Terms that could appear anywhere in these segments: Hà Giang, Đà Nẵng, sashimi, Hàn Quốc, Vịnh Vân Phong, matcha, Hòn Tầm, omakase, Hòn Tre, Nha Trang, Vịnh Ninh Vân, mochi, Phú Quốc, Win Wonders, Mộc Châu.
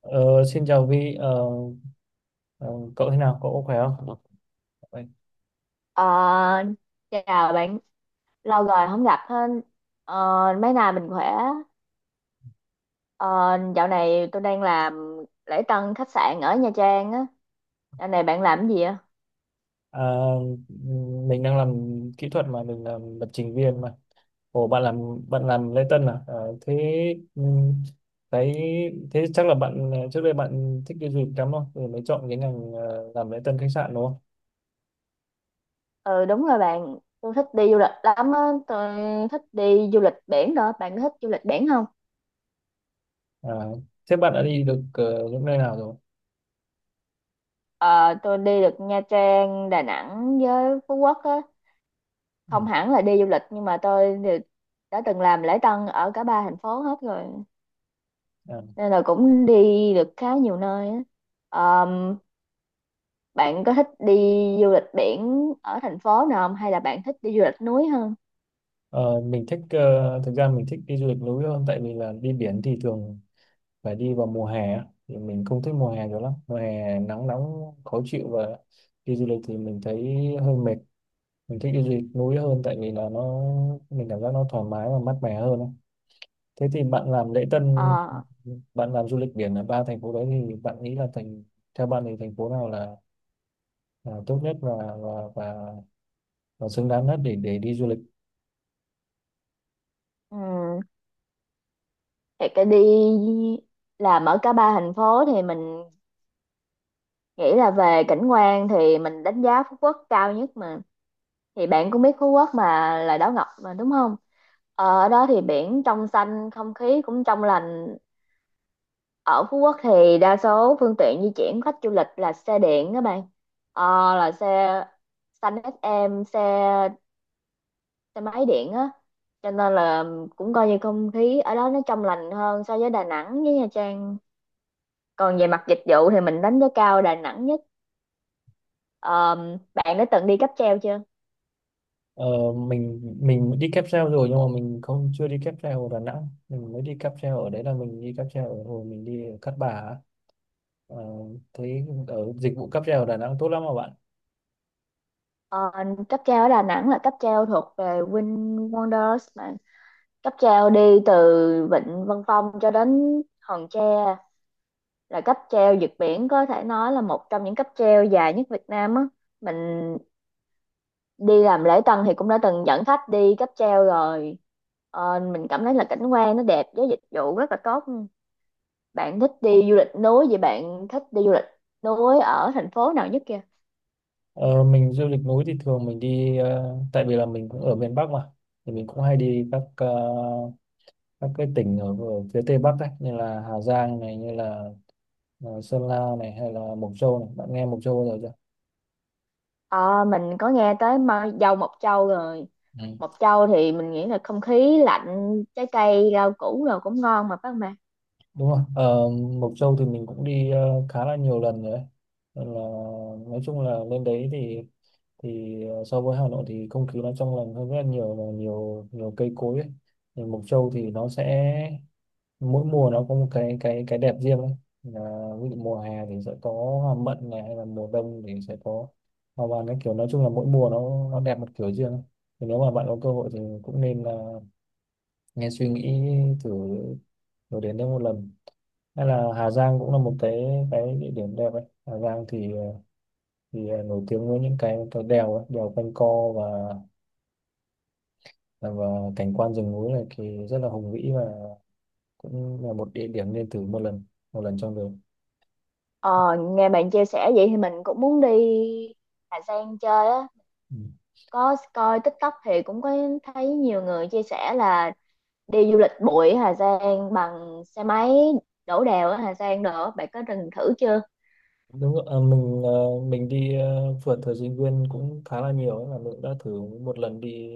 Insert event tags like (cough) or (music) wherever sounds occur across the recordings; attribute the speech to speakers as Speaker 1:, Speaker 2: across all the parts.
Speaker 1: Ờ, Xin chào Vi, ờ, cậu thế nào? Cậu có khỏe không? Vậy.
Speaker 2: Ờ, Chào bạn, lâu rồi không gặp hơn. Ờ, Mấy nay mình khỏe. Ờ, Dạo này tôi đang làm lễ tân khách sạn ở Nha Trang á. Dạo này bạn làm cái gì ạ?
Speaker 1: À, mình đang làm kỹ thuật mà, mình làm lập trình viên mà. Ồ, bạn làm lễ tân à? Ờ, Thế ừm, cái thế chắc là bạn, trước đây bạn thích đi du lịch lắm không? Rồi mới chọn cái ngành làm lễ tân khách sạn đúng không?
Speaker 2: Ừ đúng rồi bạn, tôi thích đi du lịch lắm á. Tôi thích đi du lịch biển đó. Bạn có thích du lịch biển không?
Speaker 1: À, thế bạn đã đi được những nơi nào rồi?
Speaker 2: Ờ, tôi đi được Nha Trang, Đà Nẵng với Phú Quốc á.
Speaker 1: Ừ.
Speaker 2: Không hẳn là đi du lịch nhưng mà tôi thì đã từng làm lễ tân ở cả ba thành phố hết rồi.
Speaker 1: À,
Speaker 2: Nên là cũng đi được khá nhiều nơi á. Ờ, Bạn có thích đi du lịch biển ở thành phố nào không hay là bạn thích đi du lịch núi hơn?
Speaker 1: ờ, mình thích ờ, Thực ra mình thích đi du lịch núi hơn, tại vì là đi biển thì thường phải đi vào mùa hè á, thì mình không thích mùa hè cho lắm, mùa hè nắng nóng khó chịu và đi du lịch thì mình thấy hơi mệt. Mình thích đi du lịch núi hơn tại vì là nó, mình cảm giác nó thoải mái và mát mẻ hơn á. Thế thì
Speaker 2: Ờ,
Speaker 1: bạn làm du lịch biển ở ba thành phố đấy thì bạn nghĩ là theo bạn thì thành phố nào là tốt nhất và và, và xứng đáng nhất để đi du lịch?
Speaker 2: ừm, thì cái đi làm ở cả ba thành phố thì mình nghĩ là về cảnh quan thì mình đánh giá Phú Quốc cao nhất mà. Thì bạn cũng biết Phú Quốc mà là đảo ngọc mà đúng không? Ở đó thì biển trong xanh, không khí cũng trong lành. Ở Phú Quốc thì đa số phương tiện di chuyển khách du lịch là xe điện các bạn. Là xe xanh SM, xe xe máy điện á, cho nên là cũng coi như không khí ở đó nó trong lành hơn so với Đà Nẵng với Nha Trang. Còn về mặt dịch vụ thì mình đánh giá cao Đà Nẵng nhất. Ờ, Bạn đã từng đi cáp treo chưa?
Speaker 1: Ờ, mình đi cáp treo rồi, nhưng mà mình không chưa đi cáp treo ở Đà Nẵng, mình mới đi cáp treo ở đấy là mình đi cáp treo ở hồi mình đi ở Cát Bà á. Ờ, Thấy ở dịch vụ cáp treo ở Đà Nẵng tốt lắm mà bạn.
Speaker 2: Ờ, Cáp treo ở Đà Nẵng là cáp treo thuộc về Win Wonders mà cáp treo đi từ Vịnh Vân Phong cho đến Hòn Tre, là cáp treo vượt biển, có thể nói là một trong những cáp treo dài nhất Việt Nam á. Mình đi làm lễ tân thì cũng đã từng dẫn khách đi cáp treo rồi. Mình cảm thấy là cảnh quan nó đẹp với dịch vụ rất là tốt. Bạn thích đi du lịch núi, vậy bạn thích đi du lịch núi ở thành phố nào nhất kia?
Speaker 1: Ờ, mình du lịch núi thì thường mình đi, tại vì là mình cũng ở miền Bắc mà, thì mình cũng hay đi các, các cái tỉnh ở phía Tây Bắc ấy, như là Hà Giang này, như là Sơn La này, hay là Mộc Châu này. Bạn nghe Mộc Châu bao giờ chưa?
Speaker 2: Ờ, mình có nghe tới dâu Mộc Châu rồi.
Speaker 1: Ừ.
Speaker 2: Mộc Châu thì mình nghĩ là không khí lạnh, trái cây rau củ rồi cũng ngon mà phải không bạn?
Speaker 1: Đúng rồi. Ờ, Mộc Châu thì mình cũng đi khá là nhiều lần rồi ấy. Nên là nói chung là lên đấy thì, so với Hà Nội thì không khí nó trong lành hơn rất là nhiều, và nhiều nhiều cây cối ấy. Thì Mộc Châu thì nó sẽ, mỗi mùa nó có một cái đẹp riêng ấy. Là ví dụ mùa hè thì sẽ có hoa mận này, hay là mùa đông thì sẽ có hoa vàng, cái kiểu nói chung là mỗi mùa nó đẹp một kiểu riêng ấy. Thì nếu mà bạn có cơ hội thì cũng nên là, nghe suy nghĩ thử, thử đến đây một lần. Hay là Hà Giang cũng là một cái địa điểm đẹp ấy. Hà Giang nổi tiếng với những cái đèo ấy, đèo quanh co và, dạ, và cảnh quan rừng núi này thì rất là hùng vĩ, và cũng là một địa điểm nên thử một lần, một lần trong đời.
Speaker 2: Ờ, Nghe bạn chia sẻ vậy thì mình cũng muốn đi Hà Giang chơi á.
Speaker 1: Ừ.
Speaker 2: Có coi TikTok thì cũng có thấy nhiều người chia sẻ là đi du lịch bụi Hà Giang bằng xe máy, đổ đèo ở Hà Giang nữa. Bạn có từng thử chưa?
Speaker 1: Đúng rồi. Mình à, mình đi à, Phượt thời sinh viên cũng khá là nhiều ấy, là mình cũng đã thử một lần đi,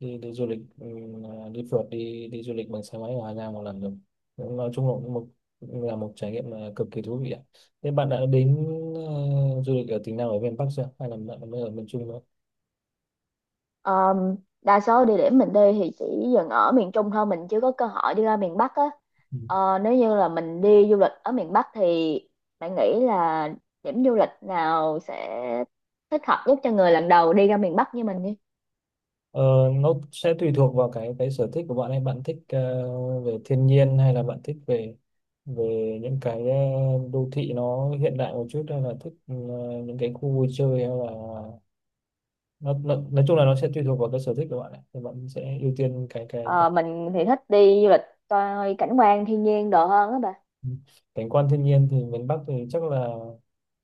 Speaker 1: đi du lịch, đi phượt, đi đi du lịch bằng xe máy ở Hà Giang một lần rồi. Cũng, nói chung là cũng là một trải nghiệm, à, cực kỳ thú vị ạ. Thế bạn đã đến, du lịch ở tỉnh nào ở miền Bắc chưa? Hay là bạn mới ở miền Trung nữa?
Speaker 2: Ờm, Đa số địa điểm mình đi thì chỉ dừng ở miền Trung thôi, mình chưa có cơ hội đi ra miền Bắc á.
Speaker 1: Ừ.
Speaker 2: Nếu như là mình đi du lịch ở miền Bắc thì bạn nghĩ là điểm du lịch nào sẽ thích hợp nhất cho người lần đầu đi ra miền Bắc như mình đi?
Speaker 1: Ờ, nó sẽ tùy thuộc vào cái sở thích của bạn ấy, bạn thích về thiên nhiên, hay là bạn thích về, những cái đô thị nó hiện đại một chút, hay là thích những cái khu vui chơi, hay là nó nói chung là nó sẽ tùy thuộc vào cái sở thích của bạn ấy. Thì bạn sẽ ưu tiên cái
Speaker 2: Ờ, mình thì thích đi du lịch coi cảnh quan thiên nhiên đồ hơn á bà.
Speaker 1: cảnh quan thiên nhiên. Thì miền Bắc thì chắc là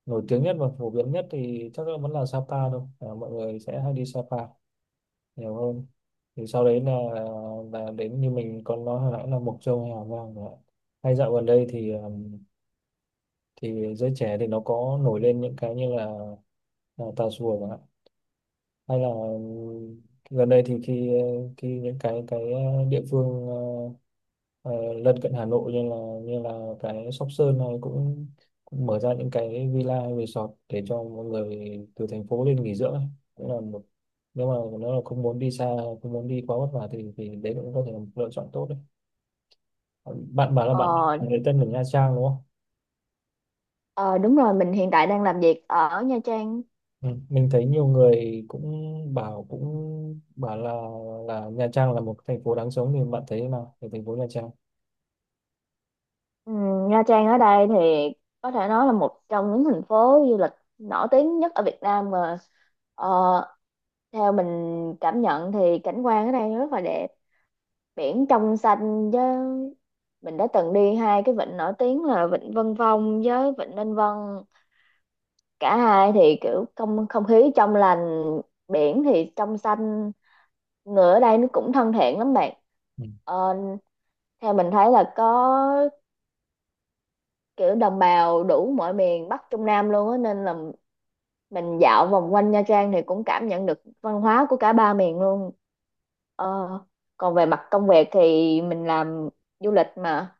Speaker 1: nổi tiếng nhất và phổ biến nhất thì chắc là vẫn là Sapa thôi, à, mọi người sẽ hay đi Sapa nhiều hơn. Thì sau đấy là đến như mình còn nói hồi nãy là Mộc Châu hay Hào Vang rồi ạ. Hay dạo gần đây thì giới trẻ thì nó có nổi lên những cái như là Tà Xùa chẳng hạn. Hay là gần đây thì khi khi những cái địa phương, ờ, lân cận Hà Nội như là, như là cái Sóc Sơn này, cũng mở ra những cái villa hay resort để cho mọi người từ thành phố lên nghỉ dưỡng ấy. Cũng là một, nếu mà nó là không muốn đi xa, không muốn đi quá vất vả thì, đấy cũng có thể là một lựa chọn tốt đấy. Bạn bảo là bạn,
Speaker 2: Ờ,
Speaker 1: người dân ở Nha Trang đúng không?
Speaker 2: ờ, Đúng rồi, mình hiện tại đang làm việc ở Nha Trang.
Speaker 1: Ừ, mình thấy nhiều người cũng bảo là Nha Trang là một thành phố đáng sống. Thì bạn thấy thế nào về thành phố Nha Trang?
Speaker 2: Ừ, Nha Trang ở đây thì có thể nói là một trong những thành phố du lịch nổi tiếng nhất ở Việt Nam mà. ờ, Theo mình cảm nhận thì cảnh quan ở đây rất là đẹp, biển trong xanh. Với mình đã từng đi hai cái vịnh nổi tiếng là vịnh Vân Phong với vịnh Ninh Vân, cả hai thì kiểu không không khí trong lành, biển thì trong xanh. Người ở đây nó cũng thân thiện lắm bạn.
Speaker 1: Ừ.
Speaker 2: Ờ, Theo mình thấy là có kiểu đồng bào đủ mọi miền Bắc Trung Nam luôn á, nên là mình dạo vòng quanh Nha Trang thì cũng cảm nhận được văn hóa của cả ba miền luôn. ờ, Còn về mặt công việc thì mình làm du lịch mà,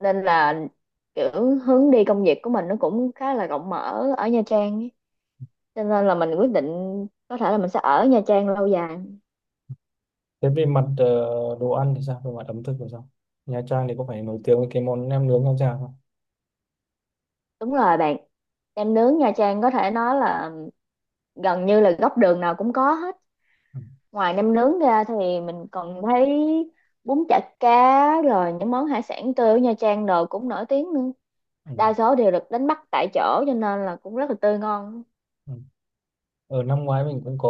Speaker 2: nên là kiểu hướng đi công việc của mình nó cũng khá là rộng mở ở Nha Trang ấy. Cho nên là mình quyết định có thể là mình sẽ ở Nha Trang lâu dài.
Speaker 1: Thế về mặt đồ ăn thì sao? Về mặt ẩm thực thì sao? Nha Trang thì có phải nổi tiếng với cái món nem nướng Nha Trang không?
Speaker 2: Đúng rồi bạn, nem nướng Nha Trang có thể nói là gần như là góc đường nào cũng có hết.
Speaker 1: Ừ.
Speaker 2: Ngoài nem nướng ra thì mình còn thấy bún chả cá rồi những món hải sản tươi ở Nha Trang đồ cũng nổi tiếng nữa.
Speaker 1: Ừ.
Speaker 2: Đa số đều được đánh bắt tại chỗ cho nên là cũng rất là tươi ngon.
Speaker 1: Ừ. Ở năm ngoái mình cũng có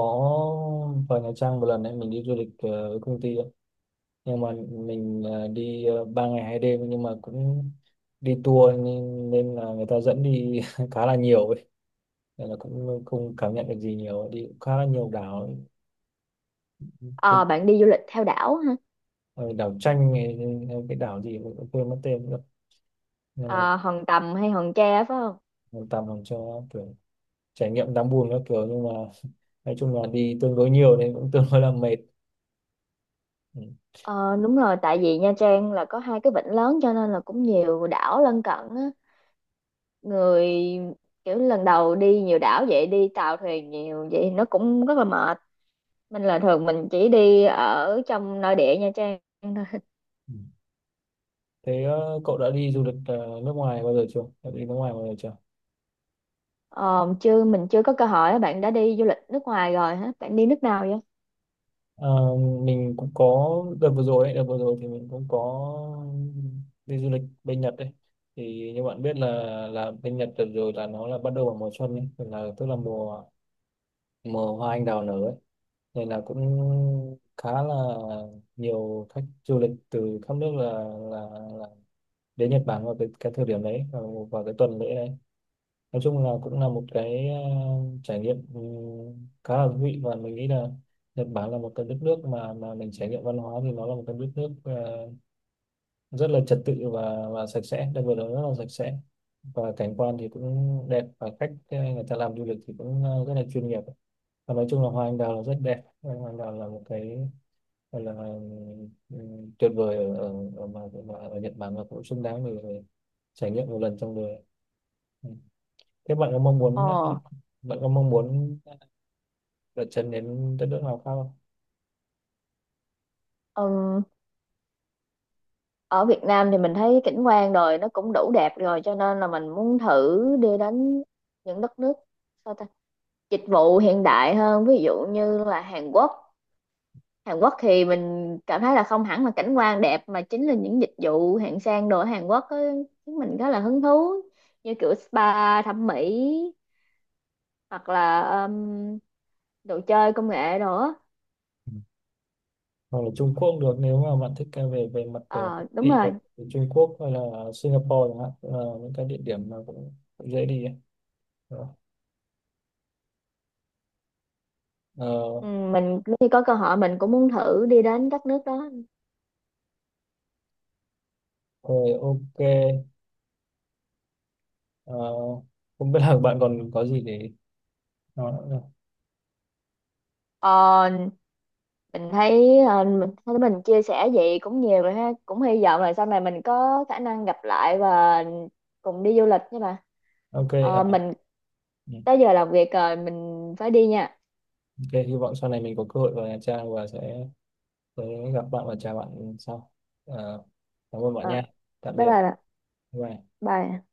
Speaker 1: vào Nha Trang một lần đấy, mình đi du lịch với công ty ấy. Nhưng mà mình đi 3 ngày 2 đêm, nhưng mà cũng đi tour nên là người ta dẫn đi (laughs) khá là nhiều, nên là cũng không cảm nhận được gì nhiều, đi cũng khá là nhiều đảo. Cái
Speaker 2: Ờ, Bạn đi du lịch theo đảo ha?
Speaker 1: ờ, đảo tranh hay cái đảo gì mình cũng quên mất tên nữa, nên là
Speaker 2: Ờ, Hòn Tầm hay Hòn Tre phải không?
Speaker 1: mình tạm làm cho kiểu trải nghiệm đáng buồn các kiểu, nhưng mà (laughs) nói chung là đi tương đối nhiều nên cũng tương đối là mệt. Ừ.
Speaker 2: Ờ, Đúng rồi, tại vì Nha Trang là có hai cái vịnh lớn cho nên là cũng nhiều đảo lân cận á. Người kiểu lần đầu đi nhiều đảo vậy, đi tàu thuyền nhiều vậy nó cũng rất là mệt. Mình là thường mình chỉ đi ở trong nội địa Nha Trang.
Speaker 1: Ừ. Thế cậu đã đi du lịch nước ngoài bao giờ chưa? Đã đi nước ngoài bao giờ chưa?
Speaker 2: Ờ, Chứ mình chưa có cơ hội á. Bạn đã đi du lịch nước ngoài rồi hả? Bạn đi nước nào vậy?
Speaker 1: Ờ, mình cũng có đợt vừa rồi ấy, đợt vừa rồi thì mình cũng có đi du lịch bên Nhật đấy. Thì như bạn biết là, bên Nhật đợt rồi là nó là bắt đầu vào mùa xuân ấy, tức là mùa mùa hoa anh đào nở ấy, nên là cũng khá là nhiều khách du lịch từ khắp nước, là, là đến Nhật Bản vào cái thời điểm đấy, vào cái tuần lễ đấy. Nói chung là cũng là một cái trải nghiệm, khá là thú vị. Và mình nghĩ là Nhật Bản là một cái đất nước mà, mình trải nghiệm văn hóa thì nó là một cái đất nước, rất là trật tự và, sạch sẽ, đặc biệt là rất là sạch sẽ, và cảnh quan thì cũng đẹp, và cách người ta làm du lịch thì cũng rất là chuyên nghiệp. Và nói chung là hoa anh đào là rất đẹp. Hoa anh đào là một cái gọi là, ừ, tuyệt vời ở ở, ở, mà ở Nhật Bản, và cũng xứng đáng để trải nghiệm một lần trong đời. Ừ. Thế
Speaker 2: Ờ,
Speaker 1: bạn có mong muốn đặt chân đến đất nước nào khác không?
Speaker 2: ừm, Ở Việt Nam thì mình thấy cảnh quan rồi nó cũng đủ đẹp rồi cho nên là mình muốn thử đi đến những đất nước sao ta? Dịch vụ hiện đại hơn ví dụ như là Hàn Quốc. Hàn Quốc thì mình cảm thấy là không hẳn là cảnh quan đẹp mà chính là những dịch vụ hạng sang đồ ở Hàn Quốc á, khiến mình rất là hứng thú, như kiểu spa thẩm mỹ hoặc là đồ chơi công nghệ đồ á.
Speaker 1: Ừ. Hoặc là Trung Quốc cũng được, nếu mà bạn thích cái về về mặt
Speaker 2: Ờ đúng
Speaker 1: thị
Speaker 2: rồi.
Speaker 1: ấy, thì Trung Quốc hay là Singapore chẳng hạn cũng là những cái địa điểm mà cũng dễ đi ấy. Ờ,
Speaker 2: Ừ, mình nếu như có cơ hội mình cũng muốn thử đi đến các nước đó.
Speaker 1: Rồi, ok, ok. Ờ, Không biết là bạn còn có gì để nói nữa không?
Speaker 2: ờ, mình thấy mình thấy mình chia sẻ vậy cũng nhiều rồi ha, cũng hy vọng là sau này mình có khả năng gặp lại và cùng đi du lịch nha bà.
Speaker 1: Ok. Ờ,
Speaker 2: Mình
Speaker 1: ừ,
Speaker 2: tới giờ làm việc rồi, mình phải đi nha.
Speaker 1: ok, hy vọng sau này mình có cơ hội vào Nha Trang và sẽ gặp bạn và chào bạn sau. Ờ, Cảm ơn bạn
Speaker 2: ờ,
Speaker 1: nha. Tạm
Speaker 2: Bye
Speaker 1: biệt.
Speaker 2: bye bà.
Speaker 1: Bye bye.
Speaker 2: Bye.